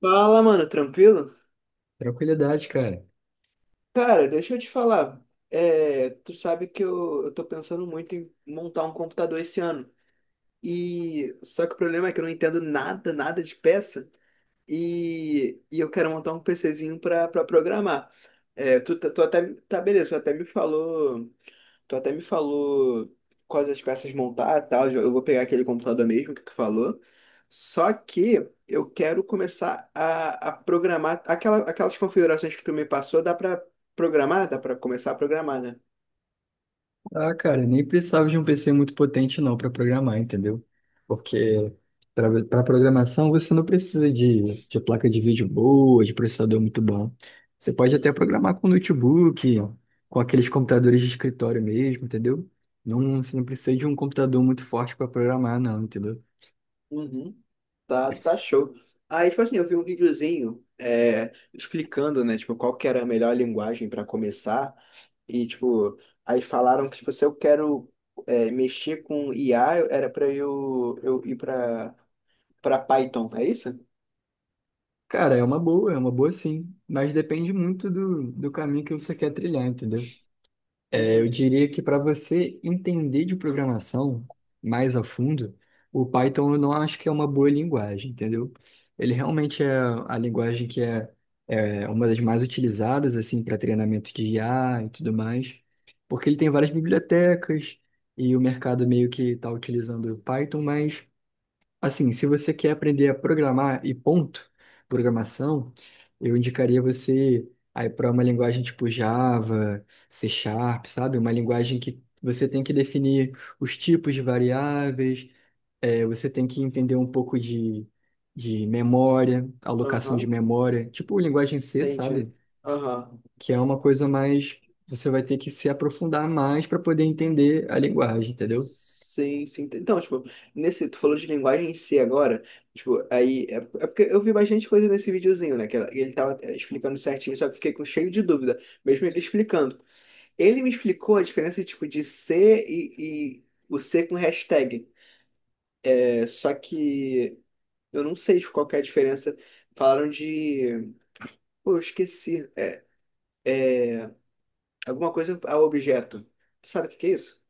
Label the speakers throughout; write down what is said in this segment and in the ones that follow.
Speaker 1: Fala, mano, tranquilo?
Speaker 2: Tranquilidade, cara.
Speaker 1: Cara, deixa eu te falar. Tu sabe que eu tô pensando muito em montar um computador esse ano. E só que o problema é que eu não entendo nada de peça. E eu quero montar um PCzinho pra programar. Tu até, tá beleza, tu até me falou. Tu até me falou quais as peças montar e tal. Eu vou pegar aquele computador mesmo que tu falou. Só que eu quero começar a programar. Aquelas configurações que tu me passou, dá pra programar? Dá pra começar a programar, né?
Speaker 2: Ah, cara, nem precisava de um PC muito potente não para programar, entendeu? Porque para programação você não precisa de placa de vídeo boa, de processador muito bom. Você pode até
Speaker 1: Uhum.
Speaker 2: programar com notebook, com aqueles computadores de escritório mesmo, entendeu? Não, você não precisa de um computador muito forte para programar, não, entendeu?
Speaker 1: Uhum. Tá show. Aí, tipo assim, eu vi um videozinho explicando, né, tipo, qual que era a melhor linguagem para começar. E, tipo, aí falaram que, tipo, se eu quero mexer com IA, era para eu ir para Python, é isso?
Speaker 2: Cara, é uma boa sim, mas depende muito do caminho que você quer trilhar, entendeu? Eu
Speaker 1: Hum.
Speaker 2: diria que para você entender de programação mais a fundo, o Python eu não acho que é uma boa linguagem, entendeu? Ele realmente é a linguagem que é, é uma das mais utilizadas assim para treinamento de IA e tudo mais, porque ele tem várias bibliotecas e o mercado meio que está utilizando o Python. Mas assim, se você quer aprender a programar e ponto, programação, eu indicaria você aí para uma linguagem tipo Java, C Sharp, sabe? Uma linguagem que você tem que definir os tipos de variáveis, você tem que entender um pouco de memória, alocação de
Speaker 1: Aham,
Speaker 2: memória, tipo linguagem C,
Speaker 1: entendi.
Speaker 2: sabe?
Speaker 1: Aham.
Speaker 2: Que é uma coisa mais, você vai ter que se aprofundar mais para poder entender a linguagem, entendeu?
Speaker 1: Sim, sim. Então, tipo, nesse, tu falou de linguagem em C agora, tipo, aí, é porque eu vi bastante coisa nesse videozinho, né, que ele tava explicando certinho, só que eu fiquei com cheio de dúvida, mesmo ele explicando. Ele me explicou a diferença, tipo, de C e o C com hashtag, só que eu não sei, tipo, qual que é a diferença. Falaram de... Pô, eu esqueci. Alguma coisa ao objeto. Tu sabe o que que é isso?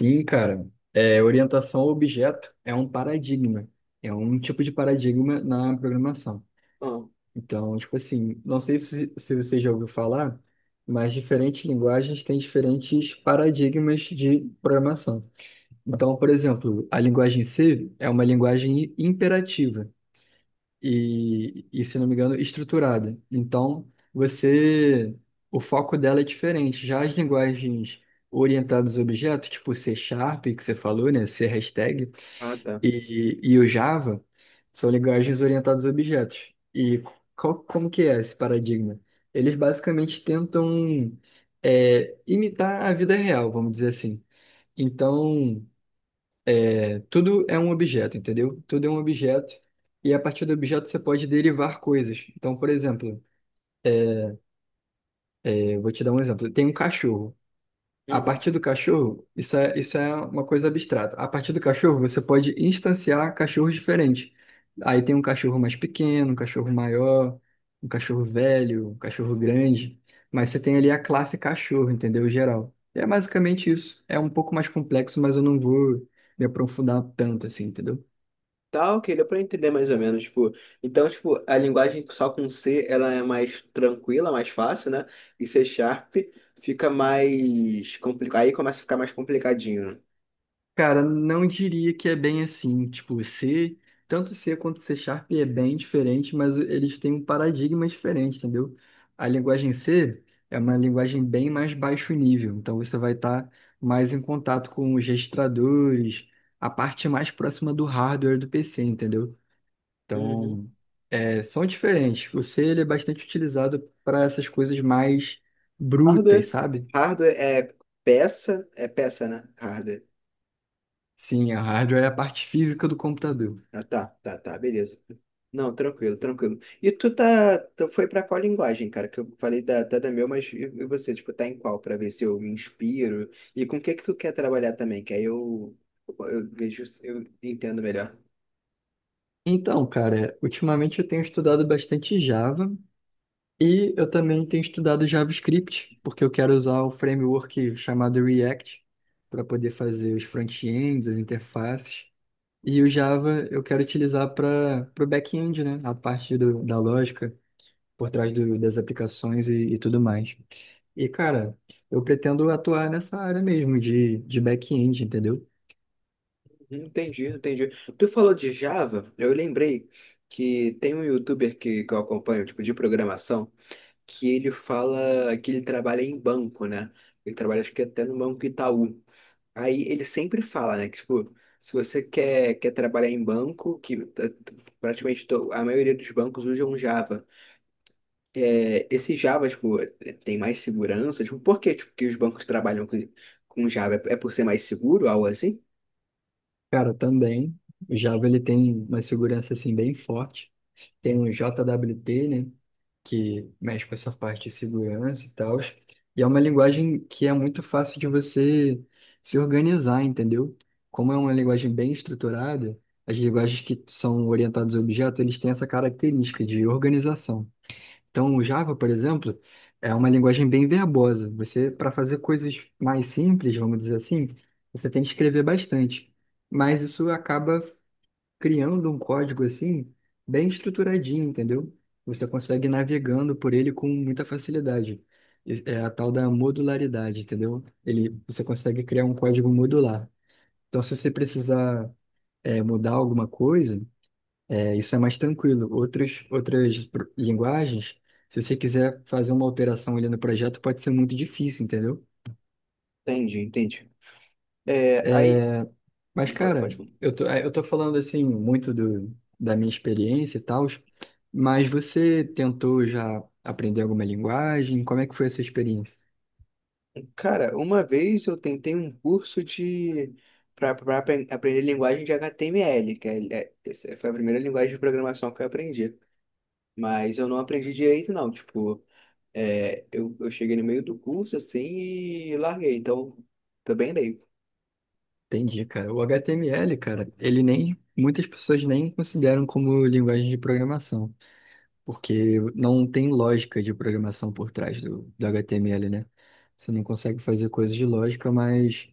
Speaker 2: Sim, cara. Orientação ao objeto é um paradigma. É um tipo de paradigma na programação.
Speaker 1: Não.
Speaker 2: Então, tipo assim, não sei se você já ouviu falar, mas diferentes linguagens têm diferentes paradigmas de programação. Então, por exemplo, a linguagem C é uma linguagem imperativa e se não me engano, estruturada. Então, você, o foco dela é diferente. Já as linguagens orientadas a objetos, tipo C Sharp, que você falou, né, C hashtag,
Speaker 1: Ah, tá.
Speaker 2: e o Java, são linguagens orientadas a objetos. E qual, como que é esse paradigma? Eles basicamente tentam imitar a vida real, vamos dizer assim. Então, tudo é um objeto, entendeu? Tudo é um objeto. E a partir do objeto você pode derivar coisas. Então, por exemplo, eu vou te dar um exemplo. Tem um cachorro. A
Speaker 1: Uhum.
Speaker 2: partir do cachorro, isso é uma coisa abstrata. A partir do cachorro, você pode instanciar cachorros diferentes. Aí tem um cachorro mais pequeno, um cachorro maior, um cachorro velho, um cachorro grande. Mas você tem ali a classe cachorro, entendeu? Geral. É basicamente isso. É um pouco mais complexo, mas eu não vou me aprofundar tanto assim, entendeu?
Speaker 1: Tá, ok, deu pra entender mais ou menos, tipo, então, tipo, a linguagem só com C, ela é mais tranquila, mais fácil, né? E C Sharp fica mais complicado, aí começa a ficar mais complicadinho, né?
Speaker 2: Cara, não diria que é bem assim. Tipo, C, tanto C quanto C Sharp é bem diferente, mas eles têm um paradigma diferente, entendeu? A linguagem C é uma linguagem bem mais baixo nível, então você vai estar mais em contato com os registradores, a parte mais próxima do hardware do PC, entendeu?
Speaker 1: Uhum.
Speaker 2: Então, são diferentes. O C ele é bastante utilizado para essas coisas mais brutas,
Speaker 1: Hardware.
Speaker 2: sabe?
Speaker 1: Hardware é é peça, né? Hardware.
Speaker 2: Sim, a hardware é a parte física do computador.
Speaker 1: Ah, tá, tá, tá, beleza. Não, tranquilo, tranquilo. E tu foi pra qual linguagem, cara? Que eu falei da meu, mas e você, tipo, tá em qual? Pra ver se eu me inspiro. E com o que que tu quer trabalhar também? Que eu vejo, se eu entendo melhor.
Speaker 2: Então, cara, ultimamente eu tenho estudado bastante Java e eu também tenho estudado JavaScript, porque eu quero usar o framework chamado React para poder fazer os front-ends, as interfaces. E o Java eu quero utilizar para o back-end, né? A parte do- da lógica por trás do- das aplicações e tudo mais. E, cara, eu pretendo atuar nessa área mesmo de back-end, entendeu?
Speaker 1: Uhum, entendi, entendi. Tu falou de Java, eu lembrei que tem um youtuber que eu acompanho, tipo, de programação, que ele fala que ele trabalha em banco, né? Ele trabalha, acho que até no Banco Itaú. Aí ele sempre fala, né, que, tipo, se você quer trabalhar em banco, praticamente a maioria dos bancos usam um Java. É, esse Java, tipo, é, tem mais segurança, tipo, por que, tipo, que os bancos trabalham com Java? É por ser mais seguro, algo assim?
Speaker 2: Cara, também, o Java ele tem uma segurança assim bem forte. Tem um JWT, né, que mexe com essa parte de segurança e tal. E é uma linguagem que é muito fácil de você se organizar, entendeu? Como é uma linguagem bem estruturada, as linguagens que são orientadas a objetos, eles têm essa característica de organização. Então, o Java, por exemplo, é uma linguagem bem verbosa. Você, para fazer coisas mais simples, vamos dizer assim, você tem que escrever bastante. Mas isso acaba criando um código assim, bem estruturadinho, entendeu? Você consegue ir navegando por ele com muita facilidade. E- é a tal da modularidade, entendeu? Ele, você consegue criar um código modular. Então, se você precisar mudar alguma coisa, isso é mais tranquilo. Outras pro- linguagens, se você quiser fazer uma alteração ali no projeto, pode ser muito difícil, entendeu?
Speaker 1: Entende, entende. É, aí,
Speaker 2: Mas,
Speaker 1: pode,
Speaker 2: cara,
Speaker 1: pode.
Speaker 2: eu tô falando assim muito do, da minha experiência e tal, mas você tentou já aprender alguma linguagem? Como é que foi a sua experiência?
Speaker 1: Cara, uma vez eu tentei um curso de, para pra aprender linguagem de HTML, essa foi a primeira linguagem de programação que eu aprendi. Mas eu não aprendi direito, não, tipo... É, eu cheguei no meio do curso, assim, e larguei. Então, também leigo.
Speaker 2: Entendi, cara. O HTML, cara, ele nem, muitas pessoas nem consideram como linguagem de programação, porque não tem lógica de programação por trás do HTML, né? Você não consegue fazer coisas de lógica, mas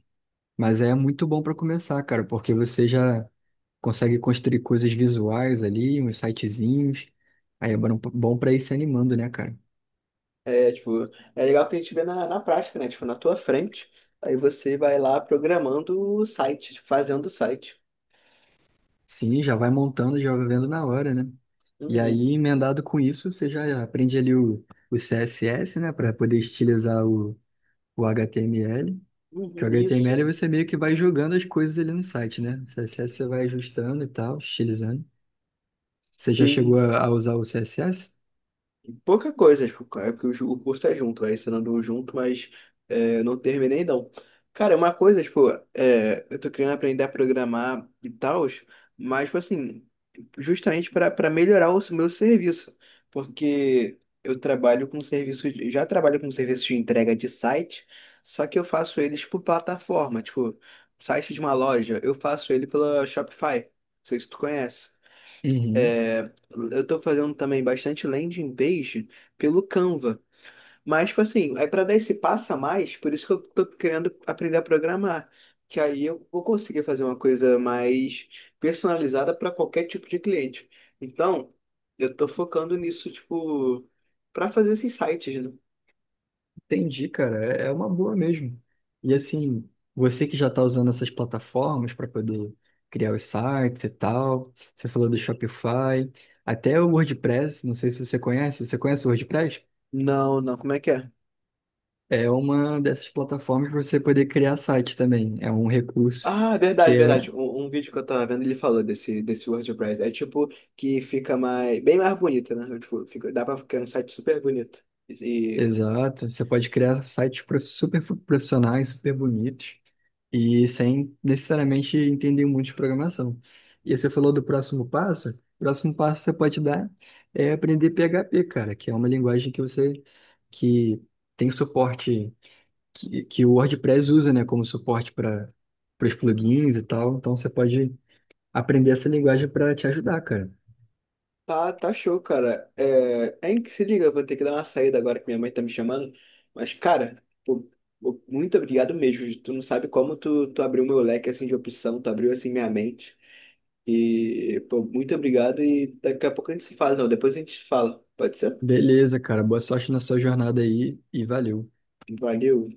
Speaker 2: Mas é muito bom para começar, cara, porque você já consegue construir coisas visuais ali, uns sitezinhos. Aí é bom pra ir se animando, né, cara?
Speaker 1: É, tipo, é legal que a gente vê na, na prática, né? Tipo, na tua frente. Aí você vai lá programando o site, tipo, fazendo o site.
Speaker 2: Sim, já vai montando, já vai vendo na hora, né? E
Speaker 1: Uhum,
Speaker 2: aí, emendado com isso, você já aprende ali o CSS, né, para poder estilizar o HTML. Que o
Speaker 1: uhum, isso.
Speaker 2: HTML você meio que vai jogando as coisas ali no site, né? O CSS você vai ajustando e tal, estilizando. Você já chegou
Speaker 1: Sim,
Speaker 2: a usar o CSS?
Speaker 1: pouca coisa, tipo, é porque o o curso é junto, é ensinando um junto, mas é, não terminei não. Cara, uma coisa, tipo, é, eu tô querendo aprender a programar e tal, mas, tipo assim, justamente para melhorar o meu serviço, porque eu trabalho com serviço, já trabalho com serviço de entrega de site, só que eu faço eles por plataforma, tipo, site de uma loja, eu faço ele pela Shopify, não sei se tu conhece.
Speaker 2: Uhum.
Speaker 1: É, eu estou fazendo também bastante landing page pelo Canva. Mas, tipo assim, é para dar esse passo a mais, por isso que eu estou querendo aprender a programar. Que aí eu vou conseguir fazer uma coisa mais personalizada para qualquer tipo de cliente. Então, eu estou focando nisso, tipo, para fazer esses sites, né?
Speaker 2: Entendi, cara. É é uma boa mesmo. E assim, você que já está usando essas plataformas para poder criar os sites e tal, você falou do Shopify, até o WordPress, não sei se você conhece. Você conhece o WordPress?
Speaker 1: Não, não, como é que é?
Speaker 2: É uma dessas plataformas para você poder criar site também. É um recurso
Speaker 1: Ah,
Speaker 2: que
Speaker 1: verdade,
Speaker 2: é
Speaker 1: verdade. Um vídeo que eu tava vendo, ele falou desse WordPress. É tipo que fica mais, bem mais bonito, né? Tipo, fica, dá pra ficar um site super bonito. E
Speaker 2: exato. Você pode criar sites prof- super profissionais, super bonitos e sem necessariamente entender muito de programação. E você falou do próximo passo. O próximo passo que você pode dar é aprender PHP, cara, que é uma linguagem que você que tem suporte que o WordPress usa, né, como suporte para os plugins e tal. Então você pode aprender essa linguagem para te ajudar, cara.
Speaker 1: tá, tá show, cara. É, é em que se liga, eu vou ter que dar uma saída agora que minha mãe tá me chamando. Mas, cara, pô, muito obrigado mesmo. Tu não sabe como tu abriu meu leque assim de opção, tu abriu assim minha mente. E, pô, muito obrigado. E daqui a pouco a gente se fala, não. Depois a gente se fala. Pode ser?
Speaker 2: Beleza, cara. Boa sorte na sua jornada aí e valeu.
Speaker 1: Valeu.